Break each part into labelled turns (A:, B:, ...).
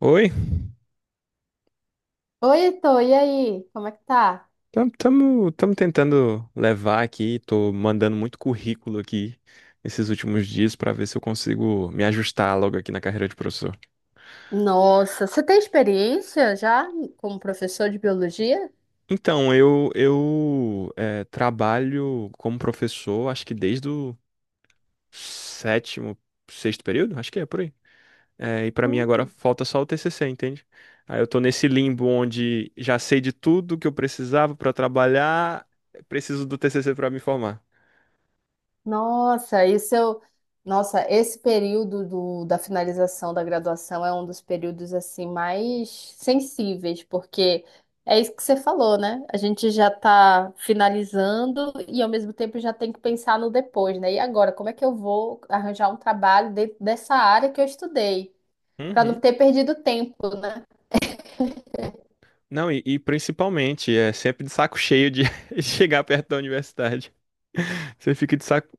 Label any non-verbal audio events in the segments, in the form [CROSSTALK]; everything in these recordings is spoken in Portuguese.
A: Oi,
B: Oi, Heitor, e aí? Como é que tá?
A: estamos tentando levar aqui, tô mandando muito currículo aqui esses últimos dias para ver se eu consigo me ajustar logo aqui na carreira de professor.
B: Nossa, você tem experiência já como professor de biologia?
A: Então, eu trabalho como professor, acho que desde o sétimo, sexto período, acho que é por aí. E para mim agora
B: Hum.
A: falta só o TCC, entende? Aí eu tô nesse limbo onde já sei de tudo que eu precisava para trabalhar, preciso do TCC para me formar.
B: Nossa, isso eu... Nossa, esse período da finalização da graduação é um dos períodos assim mais sensíveis, porque é isso que você falou, né? A gente já está finalizando e ao mesmo tempo já tem que pensar no depois, né? E agora, como é que eu vou arranjar um trabalho dentro dessa área que eu estudei, para não ter perdido tempo, né?
A: Não, e principalmente, é sempre de saco cheio de [LAUGHS] chegar perto da universidade. Você fica de saco,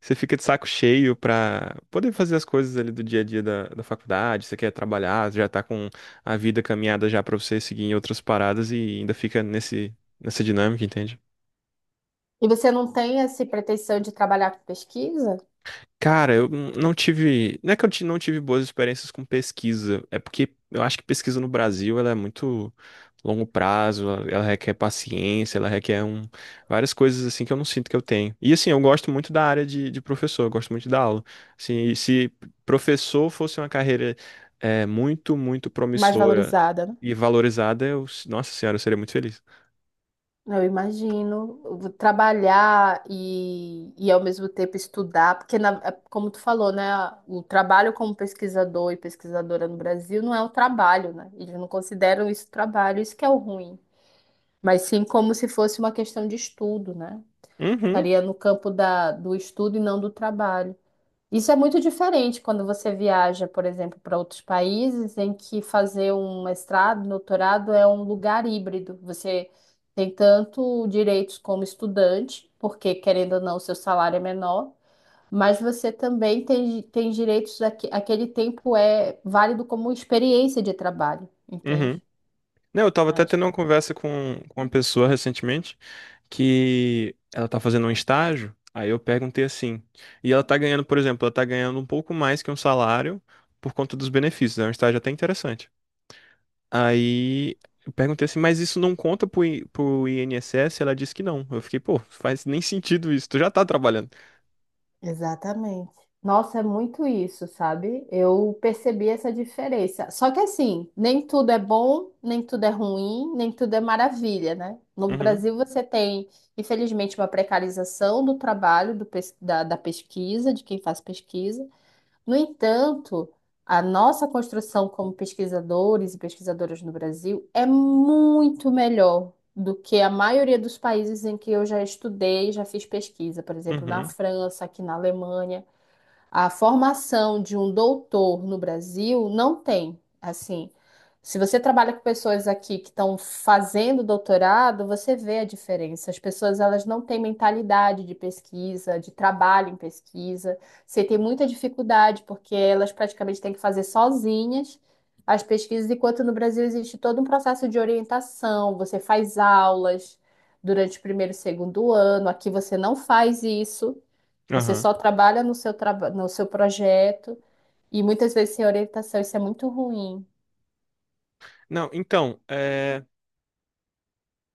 A: Você fica de saco cheio pra poder fazer as coisas ali do dia a dia da faculdade. Você quer trabalhar, já tá com a vida caminhada já pra você seguir em outras paradas e ainda fica nessa dinâmica, entende?
B: E você não tem essa pretensão de trabalhar com pesquisa
A: Cara, eu não tive. Não é que não tive boas experiências com pesquisa. É porque eu acho que pesquisa no Brasil ela é muito longo prazo, ela requer paciência, ela requer várias coisas assim que eu não sinto que eu tenho. E assim, eu gosto muito da área de professor, eu gosto muito da aula. Assim, e se professor fosse uma carreira muito, muito
B: mais
A: promissora
B: valorizada,
A: e valorizada, eu, nossa senhora, eu seria muito feliz.
B: né? Eu imagino eu vou trabalhar e ao mesmo tempo estudar, porque é como tu falou, né, o trabalho como pesquisador e pesquisadora no Brasil não é um trabalho, né? Eles não consideram isso trabalho, isso que é o ruim, mas sim como se fosse uma questão de estudo, né?
A: Uhum,
B: Estaria no campo do estudo e não do trabalho. Isso é muito diferente quando você viaja, por exemplo, para outros países em que fazer um mestrado, doutorado é um lugar híbrido. Você tem tanto direitos como estudante, porque querendo ou não, o seu salário é menor, mas você também tem direitos, aquele tempo é válido como experiência de trabalho,
A: uhum.
B: entende?
A: Não, eu tava até
B: Acho
A: tendo uma
B: que
A: conversa com uma pessoa recentemente que ela tá fazendo um estágio, aí eu perguntei assim, e ela tá ganhando, por exemplo, ela tá ganhando um pouco mais que um salário por conta dos benefícios, é um estágio até interessante. Aí eu perguntei assim, mas isso não conta pro INSS? Ela disse que não. Eu fiquei, pô, faz nem sentido isso, tu já tá trabalhando.
B: exatamente. Nossa, é muito isso, sabe? Eu percebi essa diferença. Só que assim, nem tudo é bom, nem tudo é ruim, nem tudo é maravilha, né? No
A: Uhum,
B: Brasil você tem, infelizmente, uma precarização do trabalho, da pesquisa, de quem faz pesquisa. No entanto, a nossa construção como pesquisadores e pesquisadoras no Brasil é muito melhor do que a maioria dos países em que eu já estudei, já fiz pesquisa, por exemplo, na
A: uhum,
B: França, aqui na Alemanha. A formação de um doutor no Brasil não tem. Assim, se você trabalha com pessoas aqui que estão fazendo doutorado, você vê a diferença. As pessoas elas não têm mentalidade de pesquisa, de trabalho em pesquisa. Você tem muita dificuldade porque elas praticamente têm que fazer sozinhas as pesquisas, enquanto no Brasil existe todo um processo de orientação. Você faz aulas durante o primeiro e segundo ano. Aqui você não faz isso. Você
A: aham.
B: só trabalha no seu, no seu projeto e muitas vezes sem orientação, isso é muito ruim.
A: Não, então, é.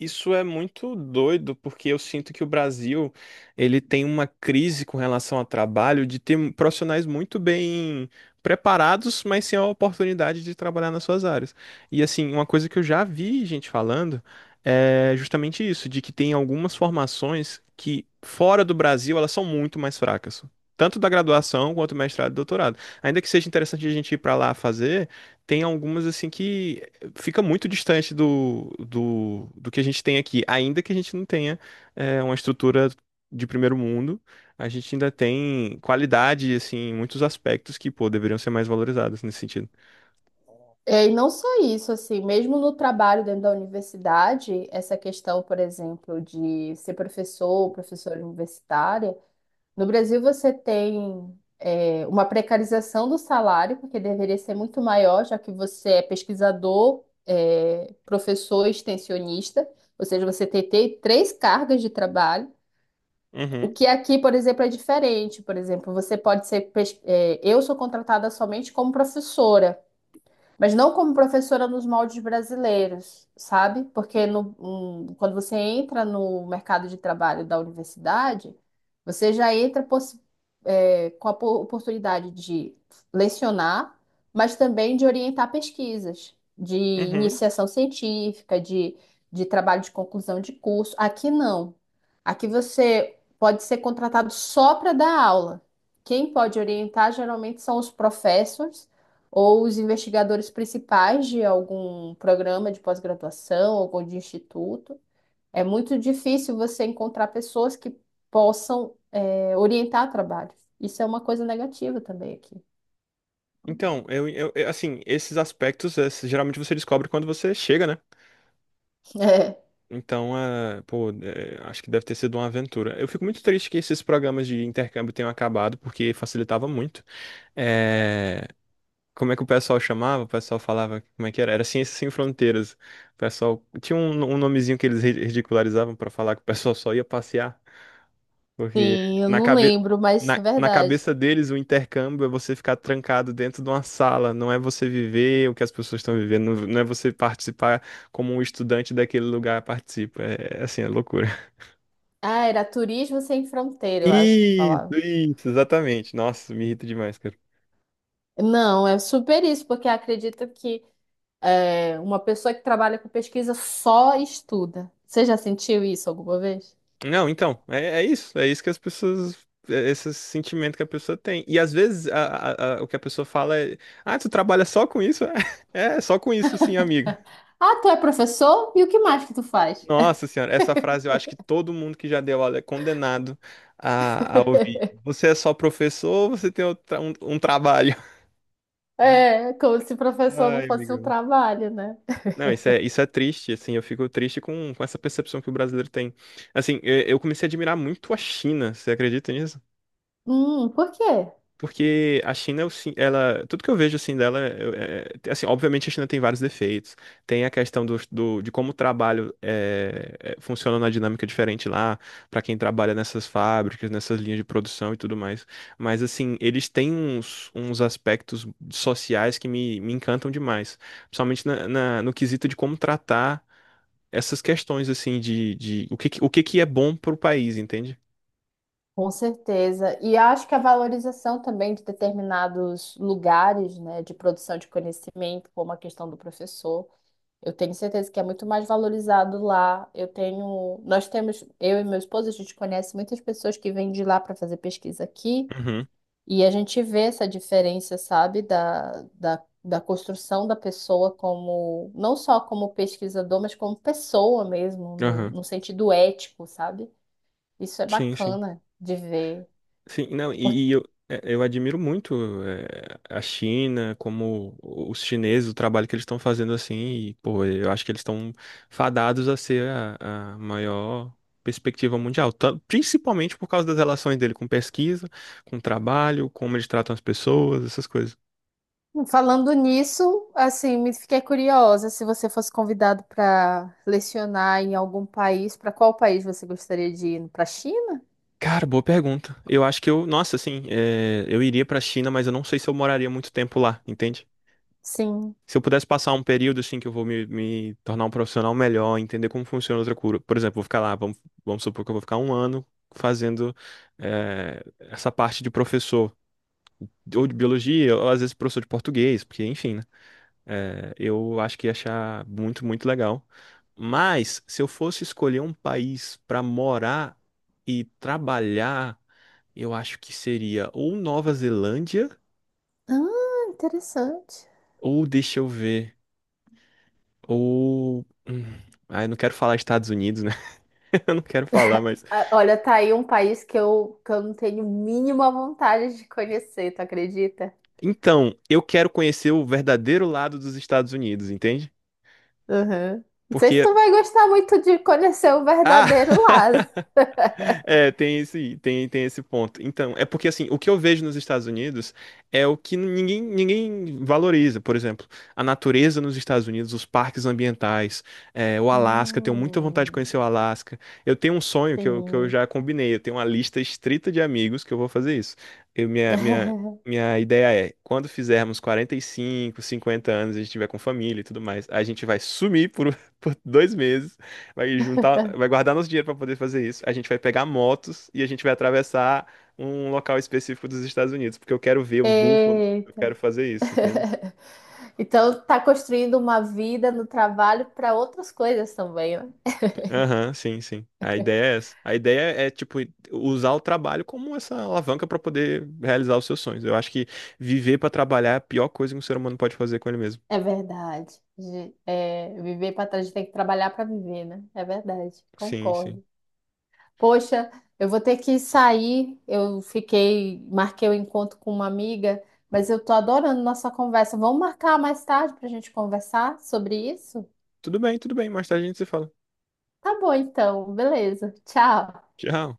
A: Isso é muito doido, porque eu sinto que o Brasil, ele tem uma crise com relação ao trabalho de ter profissionais muito bem preparados, mas sem a oportunidade de trabalhar nas suas áreas. E assim, uma coisa que eu já vi gente falando é justamente isso, de que tem algumas formações que fora do Brasil, elas são muito mais fracas. Tanto da graduação quanto mestrado e doutorado. Ainda que seja interessante a gente ir para lá fazer, tem algumas assim que fica muito distante do que a gente tem aqui, ainda que a gente não tenha uma estrutura de primeiro mundo, a gente ainda tem qualidade, assim, em muitos aspectos que, pô, deveriam ser mais valorizados nesse sentido.
B: É, e não só isso, assim, mesmo no trabalho dentro da universidade, essa questão, por exemplo, de ser professor ou professora universitária, no Brasil você tem, é, uma precarização do salário, porque deveria ser muito maior, já que você é pesquisador, é, professor, e extensionista, ou seja, você tem três cargas de trabalho. O
A: Uhum,
B: que aqui, por exemplo, é diferente. Por exemplo, você pode ser. É, eu sou contratada somente como professora. Mas não como professora nos moldes brasileiros, sabe? Porque quando você entra no mercado de trabalho da universidade, você já entra é, com a oportunidade de lecionar, mas também de orientar pesquisas, de
A: uhum.
B: iniciação científica, de trabalho de conclusão de curso. Aqui não. Aqui você pode ser contratado só para dar aula. Quem pode orientar geralmente são os professores ou os investigadores principais de algum programa de pós-graduação ou de instituto. É muito difícil você encontrar pessoas que possam, é, orientar trabalho. Isso é uma coisa negativa também aqui.
A: Então, assim, esses aspectos, geralmente você descobre quando você chega, né?
B: [LAUGHS] É.
A: Então, pô, acho que deve ter sido uma aventura. Eu fico muito triste que esses programas de intercâmbio tenham acabado, porque facilitava muito. É, Como é que o pessoal chamava? O pessoal falava, como é que era? Era Ciências Sem Fronteiras. O pessoal tinha um nomezinho que eles ridicularizavam pra falar que o pessoal só ia passear, porque
B: Sim, eu
A: na
B: não
A: cabe...
B: lembro, mas é
A: na
B: verdade.
A: cabeça deles o intercâmbio é você ficar trancado dentro de uma sala, não é você viver o que as pessoas estão vivendo, não é você participar como um estudante daquele lugar participa. É assim, é loucura.
B: Ah, era Turismo Sem Fronteira, eu acho que
A: Isso,
B: falava.
A: isso, exatamente. Nossa, me irrita demais, cara.
B: Não, é super isso, porque acredito que é, uma pessoa que trabalha com pesquisa só estuda. Você já sentiu isso alguma vez?
A: Não, então, é isso que as pessoas, é esse sentimento que a pessoa tem. E às vezes o que a pessoa fala é, ah, tu trabalha só com isso? [LAUGHS] É, só com isso sim, amigo.
B: Ah, tu é professor? E o que mais que tu faz?
A: Nossa senhora, essa frase eu acho que todo mundo que já deu aula é condenado a ouvir. Você é só professor ou você tem um trabalho? [LAUGHS]
B: É, como se professor não
A: Ai,
B: fosse um
A: amigão.
B: trabalho, né?
A: Não, isso é triste, assim, eu fico triste com essa percepção que o brasileiro tem. Assim, eu comecei a admirar muito a China, você acredita nisso?
B: Por quê?
A: Porque a China, ela, tudo que eu vejo assim dela, assim, obviamente a China tem vários defeitos. Tem a questão de como o trabalho funciona na dinâmica diferente lá, para quem trabalha nessas fábricas, nessas linhas de produção e tudo mais. Mas assim, eles têm uns aspectos sociais que me encantam demais, principalmente no quesito de como tratar essas questões assim de o que que é bom para o país, entende?
B: Com certeza. E acho que a valorização também de determinados lugares, né, de produção de conhecimento, como a questão do professor, eu tenho certeza que é muito mais valorizado lá. Eu tenho, nós temos, eu e meu esposo, a gente conhece muitas pessoas que vêm de lá para fazer pesquisa aqui.
A: Uhum,
B: E a gente vê essa diferença, sabe, da construção da pessoa como, não só como pesquisador, mas como pessoa mesmo, no,
A: aham.
B: no sentido ético, sabe? Isso é
A: Sim, sim.
B: bacana de ver.
A: Sim, não,
B: Por-
A: e eu admiro muito é, a China, como os chineses, o trabalho que eles estão fazendo assim, e, pô, eu acho que eles estão fadados a ser a maior perspectiva mundial, principalmente por causa das relações dele com pesquisa, com trabalho, como eles tratam as pessoas, essas coisas.
B: falando nisso, assim, me fiquei curiosa se você fosse convidado para lecionar em algum país, para qual país você gostaria de ir? Para China?
A: Cara, boa pergunta. Eu acho que eu, nossa, assim, eu iria pra China, mas eu não sei se eu moraria muito tempo lá, entende?
B: Sim.
A: Se eu pudesse passar um período, assim, que eu vou me tornar um profissional melhor, entender como funciona outra cultura. Por exemplo, vou ficar lá, vamos supor que eu vou ficar um ano fazendo essa parte de professor, ou de biologia, ou às vezes professor de português, porque, enfim, né? Eu acho que ia achar muito, muito legal. Mas, se eu fosse escolher um país pra morar e trabalhar. Eu acho que seria ou Nova Zelândia,
B: Ah, interessante.
A: ou deixa eu ver, ou. hum, Ah, eu não quero falar Estados Unidos, né? [LAUGHS] Eu não quero falar, mas.
B: Ah, olha, tá aí um país que eu não tenho mínima vontade de conhecer, tu acredita?
A: Então, eu quero conhecer o verdadeiro lado dos Estados Unidos, entende?
B: Uhum. Não sei se
A: Porque.
B: tu vai gostar muito de conhecer o verdadeiro lado.
A: Ah! [LAUGHS] É, tem esse, tem esse ponto. Então, é porque assim, o que eu vejo nos Estados Unidos é o que ninguém valoriza. Por exemplo, a natureza nos Estados Unidos, os parques ambientais, o Alasca. Eu tenho muita vontade de conhecer o
B: Hum,
A: Alasca. Eu tenho um sonho que que eu
B: sim.
A: já combinei. Eu tenho uma lista estrita de amigos que eu vou fazer isso. Eu, minha, minha,
B: [LAUGHS]
A: minha ideia é, quando fizermos 45, 50 anos, a gente tiver com família e tudo mais, a gente vai sumir por, [LAUGHS] por 2 meses. Vai juntar, vai guardar nosso dinheiro para poder fazer isso. A gente vai pegar motos e a gente vai atravessar um local específico dos Estados Unidos, porque eu quero ver os búfalos. Eu
B: Eita.
A: quero fazer isso, entende?
B: [LAUGHS] Então tá construindo uma vida no trabalho para outras coisas também, né?
A: Aham, sim, sim. A ideia é essa. A ideia é, tipo, usar o trabalho como essa alavanca para poder realizar os seus sonhos. Eu acho que viver para trabalhar é a pior coisa que um ser humano pode fazer com ele mesmo.
B: É verdade. Ge- é, viver para trás, a gente tem que trabalhar para viver, né? É verdade.
A: Sim, sim.
B: Concordo. Poxa, eu vou ter que sair. Eu fiquei, marquei o encontro com uma amiga, mas eu tô adorando nossa conversa. Vamos marcar mais tarde para a gente conversar sobre isso?
A: Tudo bem, tudo bem. Mais tarde a gente se fala.
B: Tá bom, então. Beleza. Tchau.
A: Tchau.